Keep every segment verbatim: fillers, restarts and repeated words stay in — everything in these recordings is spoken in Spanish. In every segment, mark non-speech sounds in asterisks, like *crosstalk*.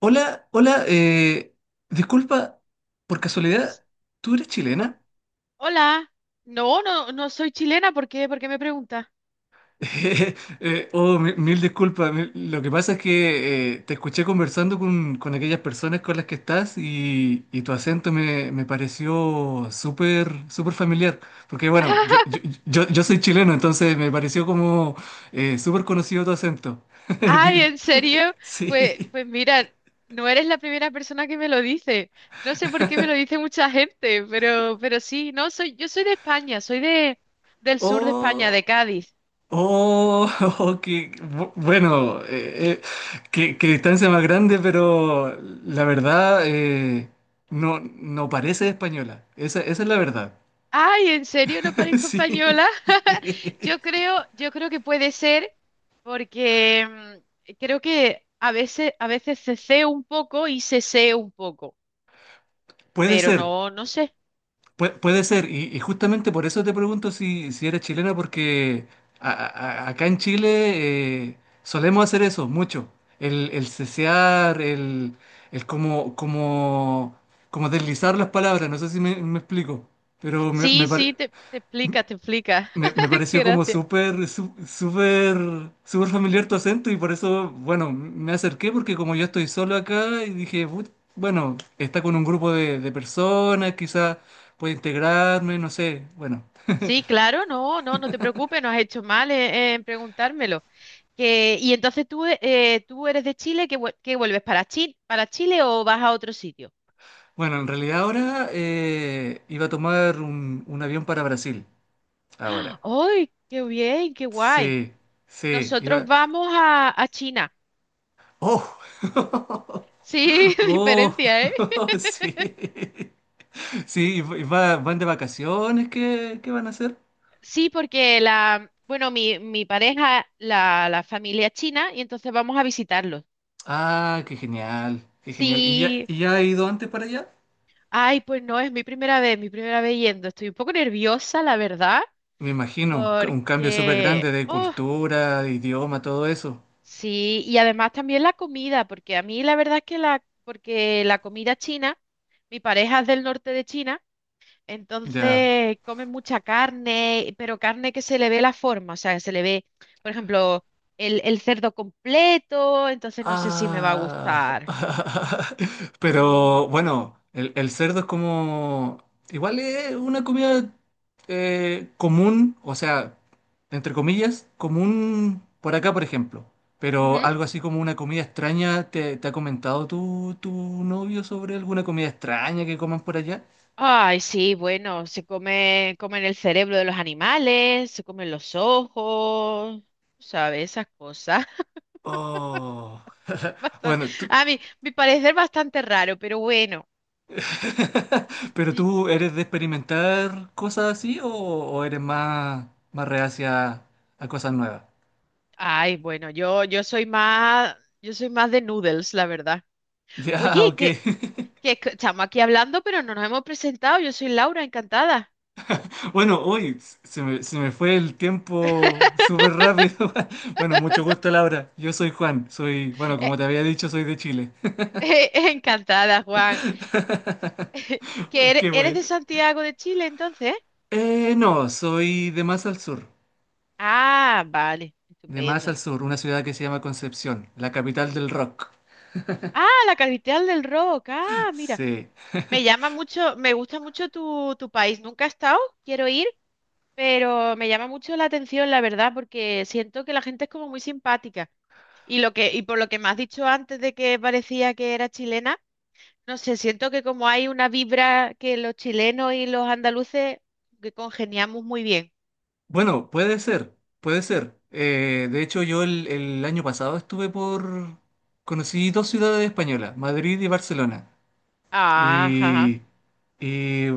Hola, hola, eh, disculpa, por casualidad, ¿tú eres O- chilena? hola. No, no, no soy chilena. ¿Por qué? ¿Por qué me pregunta? *laughs* Eh, oh, mi- mil disculpas, mil- lo que pasa es que eh, te escuché conversando con, con aquellas personas con las que estás y, y tu acento me, me pareció súper, súper familiar, porque bueno, yo, yo, *laughs* yo, yo soy chileno, entonces me pareció como eh, súper conocido tu acento. *laughs* Ay, Di- ¿en serio? Pues, Sí. pues mira, no eres la primera persona que me lo dice. No sé por qué me lo dice mucha gente, pero, pero sí, no, soy, yo soy de España, soy de, del sur de España, Oh. de Cádiz. Oh, *laughs* oh, que bu- bueno, eh, eh, qué, qué distancia más grande, pero la verdad eh, no, no parece española. Esa, esa es la verdad. Ay, ¿en serio no *laughs* parezco Sí, española? *laughs* sí. Yo creo, yo creo que puede ser porque mm, creo que a veces, a veces ceceo un poco y seseo un poco, Puede pero ser. no, no sé. Pue- puede ser, y, y justamente por eso te pregunto si, si eres chilena, porque a- a- a- acá en Chile eh, solemos hacer eso mucho. El, el cesear, el, el como, como, como deslizar las palabras, no sé si me, me explico, pero me, me Sí, sí, parece. te, te explica, te explica. Me, me *laughs* Qué pareció como gracia. súper, sú- súper súper familiar tu acento, y por eso, bueno, me acerqué porque como yo estoy solo acá y dije, "Put- bueno, está con un grupo de, de personas, quizás puede integrarme, no sé". Bueno, Sí, claro, no, no, no te preocupes, no has hecho mal eh, en, preguntármelo. Que, y entonces tú, eh, tú eres de Chile, ¿qué, vuel- qué vuelves para Chile, para Chile o vas a otro sitio? bueno, en realidad ahora eh, iba a tomar un, un avión para Brasil. *gasps* ¡Ah! Ahora. ¡Ay, qué bien, qué guay! Sí, sí, Nosotros iba... vamos a, a China. ¡Oh! *laughs* Sí, *laughs* diferencia, ¿eh? ¡Oh! *laughs* Sí. Sí, y va- van de vacaciones, ¿qué, qué van a hacer? Sí, porque la, bueno, mi, mi pareja, la, la familia es china, y entonces vamos a visitarlos. Ah, qué genial, qué genial. ¿Y ya, Sí. y ya ha ido antes para allá? Ay, pues no, es mi primera vez, mi primera vez yendo. Estoy un poco nerviosa, la verdad, Me imagino, un, ca- un cambio súper grande porque, de oh, cultura, idioma, todo eso. sí, y además también la comida, porque a mí la verdad es que la, porque la comida china, mi pareja es del norte de China, Ya. entonces comen mucha carne, pero carne que se le ve la forma, o sea, se le ve, por ejemplo, el, el cerdo completo, entonces no sé si me va a Ah. gustar. *laughs* Mm, Pero bueno, el, el cerdo es como... Igual es una comida eh, común, o sea, entre comillas, común por acá, por ejemplo. Pero ujú. algo así como una comida extraña, ¿te, te ha comentado tu, tu novio sobre alguna comida extraña que coman por allá? Ay, sí, bueno, se come, comen el cerebro de los animales, se comen los ojos, tú sabes, esas cosas. *laughs* Oh. *laughs* Bastan- Bueno, tú- a mí, mi parecer bastante raro, pero bueno. *laughs* pero Y- tú eres de experimentar cosas así o, o eres más, más reacia a cosas nuevas. Ay, bueno, yo, yo soy más, yo soy más de noodles, la verdad. Ya, Oye, ok. que, *laughs* que c- estamos aquí hablando, pero no nos hemos presentado. Yo soy Laura, encantada. Bueno, hoy se me, se me fue el tiempo súper rápido. *laughs* Bueno, mucho gusto, Laura. Yo soy Juan. Soy, bueno, Eh, como te había dicho, soy de Chile. eh, *laughs* encantada, Juan. ¿Que *laughs* eres, Qué eres bueno. de Santiago de Chile, entonces? Eh, no, soy de más al sur. Ah, vale, De más estupendo. al sur, una ciudad que se llama Concepción, la capital del rock. Ah, la capital del rock. *laughs* Ah, mira. Sí. Me llama mucho, me gusta mucho tu, tu país. Nunca he estado, quiero ir, pero me llama mucho la atención, la verdad, porque siento que la gente es como muy simpática. Y lo que, y por lo que me has dicho antes de que parecía que era chilena, no sé, siento que como hay una vibra que los chilenos y los andaluces que congeniamos muy bien. Bueno, puede ser, puede ser. Eh, de hecho, yo el, el año pasado estuve por... Conocí dos ciudades españolas, Madrid y Barcelona. Ajá. Y, y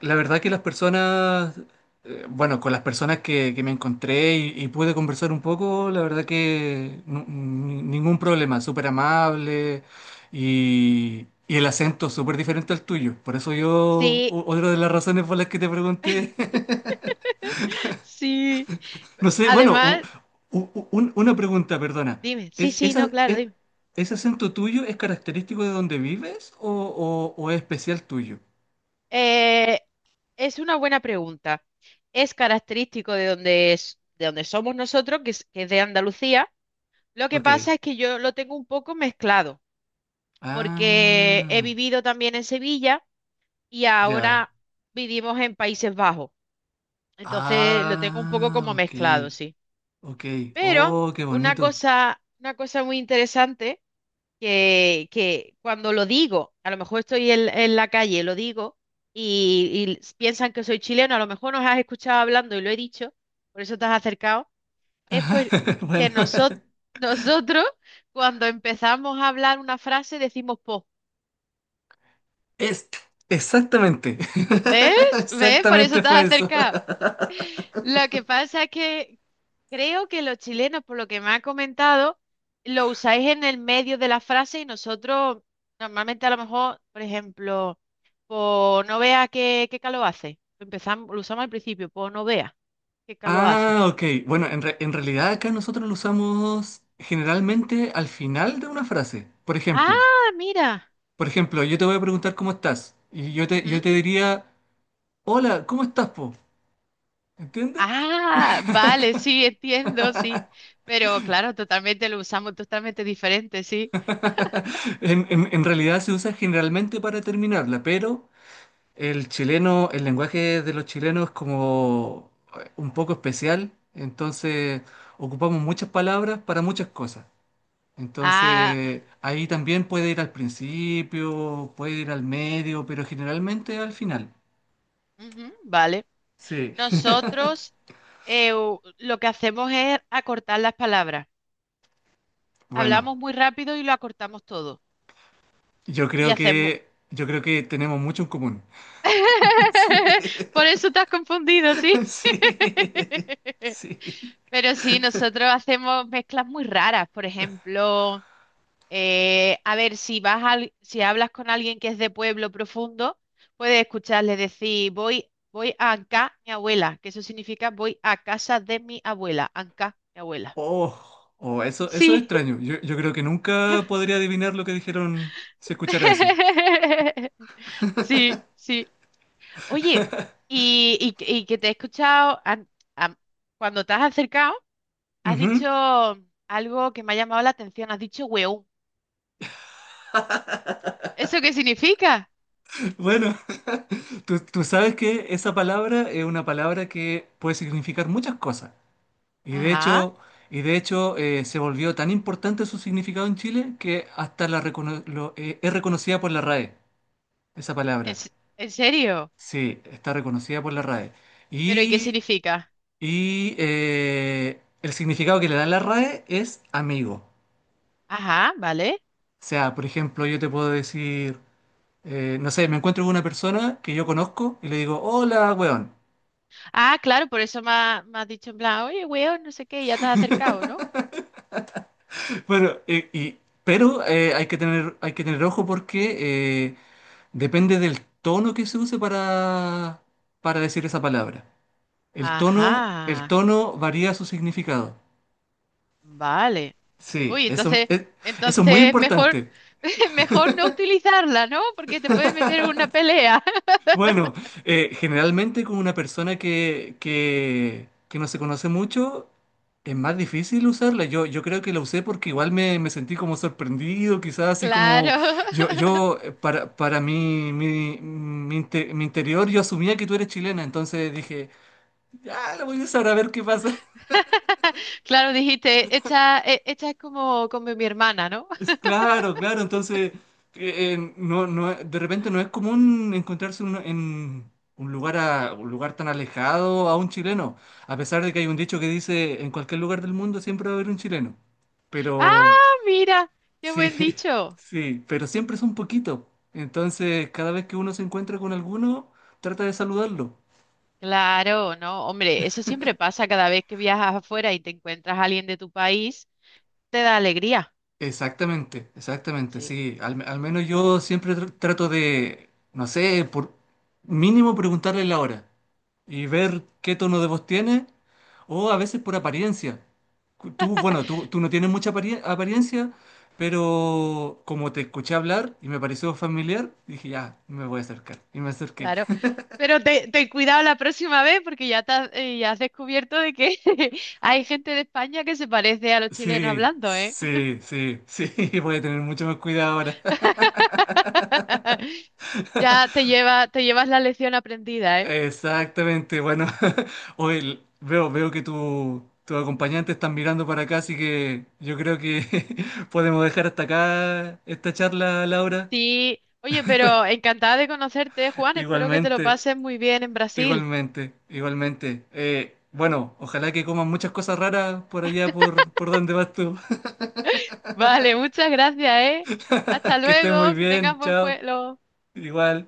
la verdad que las personas, eh, bueno, con las personas que, que me encontré y, y pude conversar un poco, la verdad que nu- ni- ningún problema, súper amable y, y el acento súper diferente al tuyo. Por eso yo, Sí, o- otra de las razones por las que te pregunté. *laughs* *laughs* sí. No sé, bueno, u- Además, u- un- una pregunta, perdona. dime, sí, ¿Es, sí, no, esa, claro, e- dime. Ese acento tuyo es característico de donde vives o, o- o es especial tuyo? Eh, es una buena pregunta. Es característico de donde es, de donde somos nosotros, que es, que es de Andalucía. Lo que Ok. pasa es que yo lo tengo un poco mezclado, porque he Ah, vivido también en Sevilla y ya. ahora vivimos en Países Bajos. Entonces lo tengo un poco Ah, como ok. mezclado, sí. Ok. Pero Oh, qué una bonito. cosa, una cosa muy interesante, que, que cuando lo digo, a lo mejor estoy en, en la calle, lo digo y, y piensan que soy chileno, a lo mejor nos has escuchado hablando y lo he dicho, por eso te has acercado, es pues *laughs* que Bueno, noso- *laughs* nosotros cuando empezamos a hablar una frase decimos po, es exactamente. *laughs* ¿ves? ¿Ves? Por eso Exactamente te fue has eso. acercado. Lo que pasa es que, creo que los chilenos, por lo que me ha comentado, lo usáis en el medio de la frase y nosotros normalmente a lo mejor, por ejemplo, por no vea qué, qué calor hace. Lo empezamos, lo usamos al principio, por no vea qué calor hace. Ah, ok. Bueno, en, re- en realidad acá nosotros lo usamos generalmente al final de una frase. Por ejemplo, Ah, mira. por ejemplo, yo te voy a preguntar cómo estás y yo te, yo Ujú. te diría, hola, ¿cómo estás, po? ¿Entiendes? *laughs* Ah, vale, sí, entiendo, sí. Pero claro, totalmente lo usamos totalmente diferente, sí. En, en- en realidad se usa generalmente para terminarla, pero el chileno, el lenguaje de los chilenos es como eh, un poco especial, entonces ocupamos muchas palabras para muchas cosas. Ah, Entonces, ahí también puede ir al principio, puede ir al medio, pero generalmente al final. ujú, vale. Sí. Nosotros eh, u- lo que hacemos es acortar las palabras. Bueno, Hablamos muy rápido y lo acortamos todo. yo Y creo hacemos. que yo creo que tenemos mucho en común. *laughs* Sí. *laughs* Por eso te has confundido, ¿sí? Sí. *laughs* Sí. Pero sí, nosotros hacemos mezclas muy raras. Por ejemplo, eh, a ver, si vas al- si hablas con alguien que es de pueblo profundo, puedes escucharle decir, voy, voy a Anca, mi abuela, que eso significa voy a casa de mi abuela, Anca, mi abuela. Oh, oh, eso, eso es Sí. extraño. Yo, yo creo que nunca podría adivinar lo que dijeron si escuchara eso. *laughs* Sí, sí. Oye, y, y que y que te he escuchado an- am- cuando te has acercado, has Ujú. dicho algo que me ha llamado la atención, has dicho weón. ¿Eso qué significa? Bueno, tú, tú sabes que esa palabra es una palabra que puede significar muchas cosas. Y de Ajá, hecho, y de hecho eh, se volvió tan importante su significado en Chile que hasta la recono- lo- eh, es reconocida por la R A E, esa en, palabra. se- en serio. Sí, está reconocida por la R A E. ¿Pero y qué Y, significa? y, eh, el significado que le da la R A E es amigo. Ajá, vale. O sea, por ejemplo, yo te puedo decir, eh, no sé, me encuentro con una persona que yo conozco y le digo, hola, weón. Ah, claro, por eso me, ha- me has dicho en plan, oye, weón, no sé qué, y ya te has acercado, ¿no? *laughs* Bueno, y- y- pero eh, hay que tener, hay que tener ojo porque eh, depende del tono que se use para, para decir esa palabra. El tono, el Ajá, tono varía su significado. vale. Sí, Uy, eso entonces, es, eso es muy entonces mejor, importante. *laughs* mejor no utilizarla, ¿no? Porque te puedes meter en una pelea. *laughs* Bueno, eh, generalmente con una persona que, que, que no se conoce mucho, es más difícil usarla. Yo, yo creo que la usé porque igual me, me sentí como sorprendido, quizás así como Claro. yo, *laughs* yo eh, para, para mi, mi, mi inte- mi interior, yo asumía que tú eres chilena, entonces dije, ah, la voy a usar a ver qué pasa. *laughs* Claro, dijiste, esta, e- esta es como, como mi hermana, ¿no? Es *laughs* claro, claro, entonces eh, eh, no, no, de repente no es común encontrarse uno en un lugar, a, un lugar tan alejado a un chileno, a pesar de que hay un dicho que dice en cualquier lugar del mundo siempre va a haber un chileno, pero Ah, mira, qué sí, buen *laughs* dicho. sí, pero siempre es un poquito, entonces cada vez que uno se encuentra con alguno, trata de saludarlo. Claro, no, hombre, eso siempre pasa cada vez que viajas afuera y te encuentras a alguien de tu país, te da alegría. Exactamente, exactamente, Sí, sí. Al, al menos yo siempre tr- trato de, no sé, por mínimo preguntarle la hora y ver qué tono de voz tiene o a veces por apariencia. Cu- Tú, bueno, tú, tú no tienes mucha apari- apariencia, pero como te escuché hablar y me pareció familiar, dije, ya, me voy a acercar. Y me acerqué. claro. *laughs* Pero te- ten cuidado la próxima vez porque ya, te has, eh, ya has descubierto de que *laughs* hay gente de España que se parece a los chilenos Sí, hablando, ¿eh? sí, sí, sí, *laughs* voy a tener mucho más cuidado ahora. *laughs* Ya te lleva, te llevas la lección aprendida, ¿eh? Exactamente, bueno, *laughs* hoy veo, veo que tu, tu acompañante están mirando para acá, así que yo creo que *laughs* podemos dejar hasta acá esta charla, Laura. Sí, oye, pero encantada de conocerte, Juan. Espero que te lo Igualmente, pases muy bien en Brasil. igualmente, igualmente. Eh, bueno, ojalá que coman muchas cosas raras por allá, por, por donde vas tú. *laughs* *laughs* Vale, muchas gracias, ¿eh? Hasta Que estés muy luego, que tengas bien, buen chao. vuelo. Igual.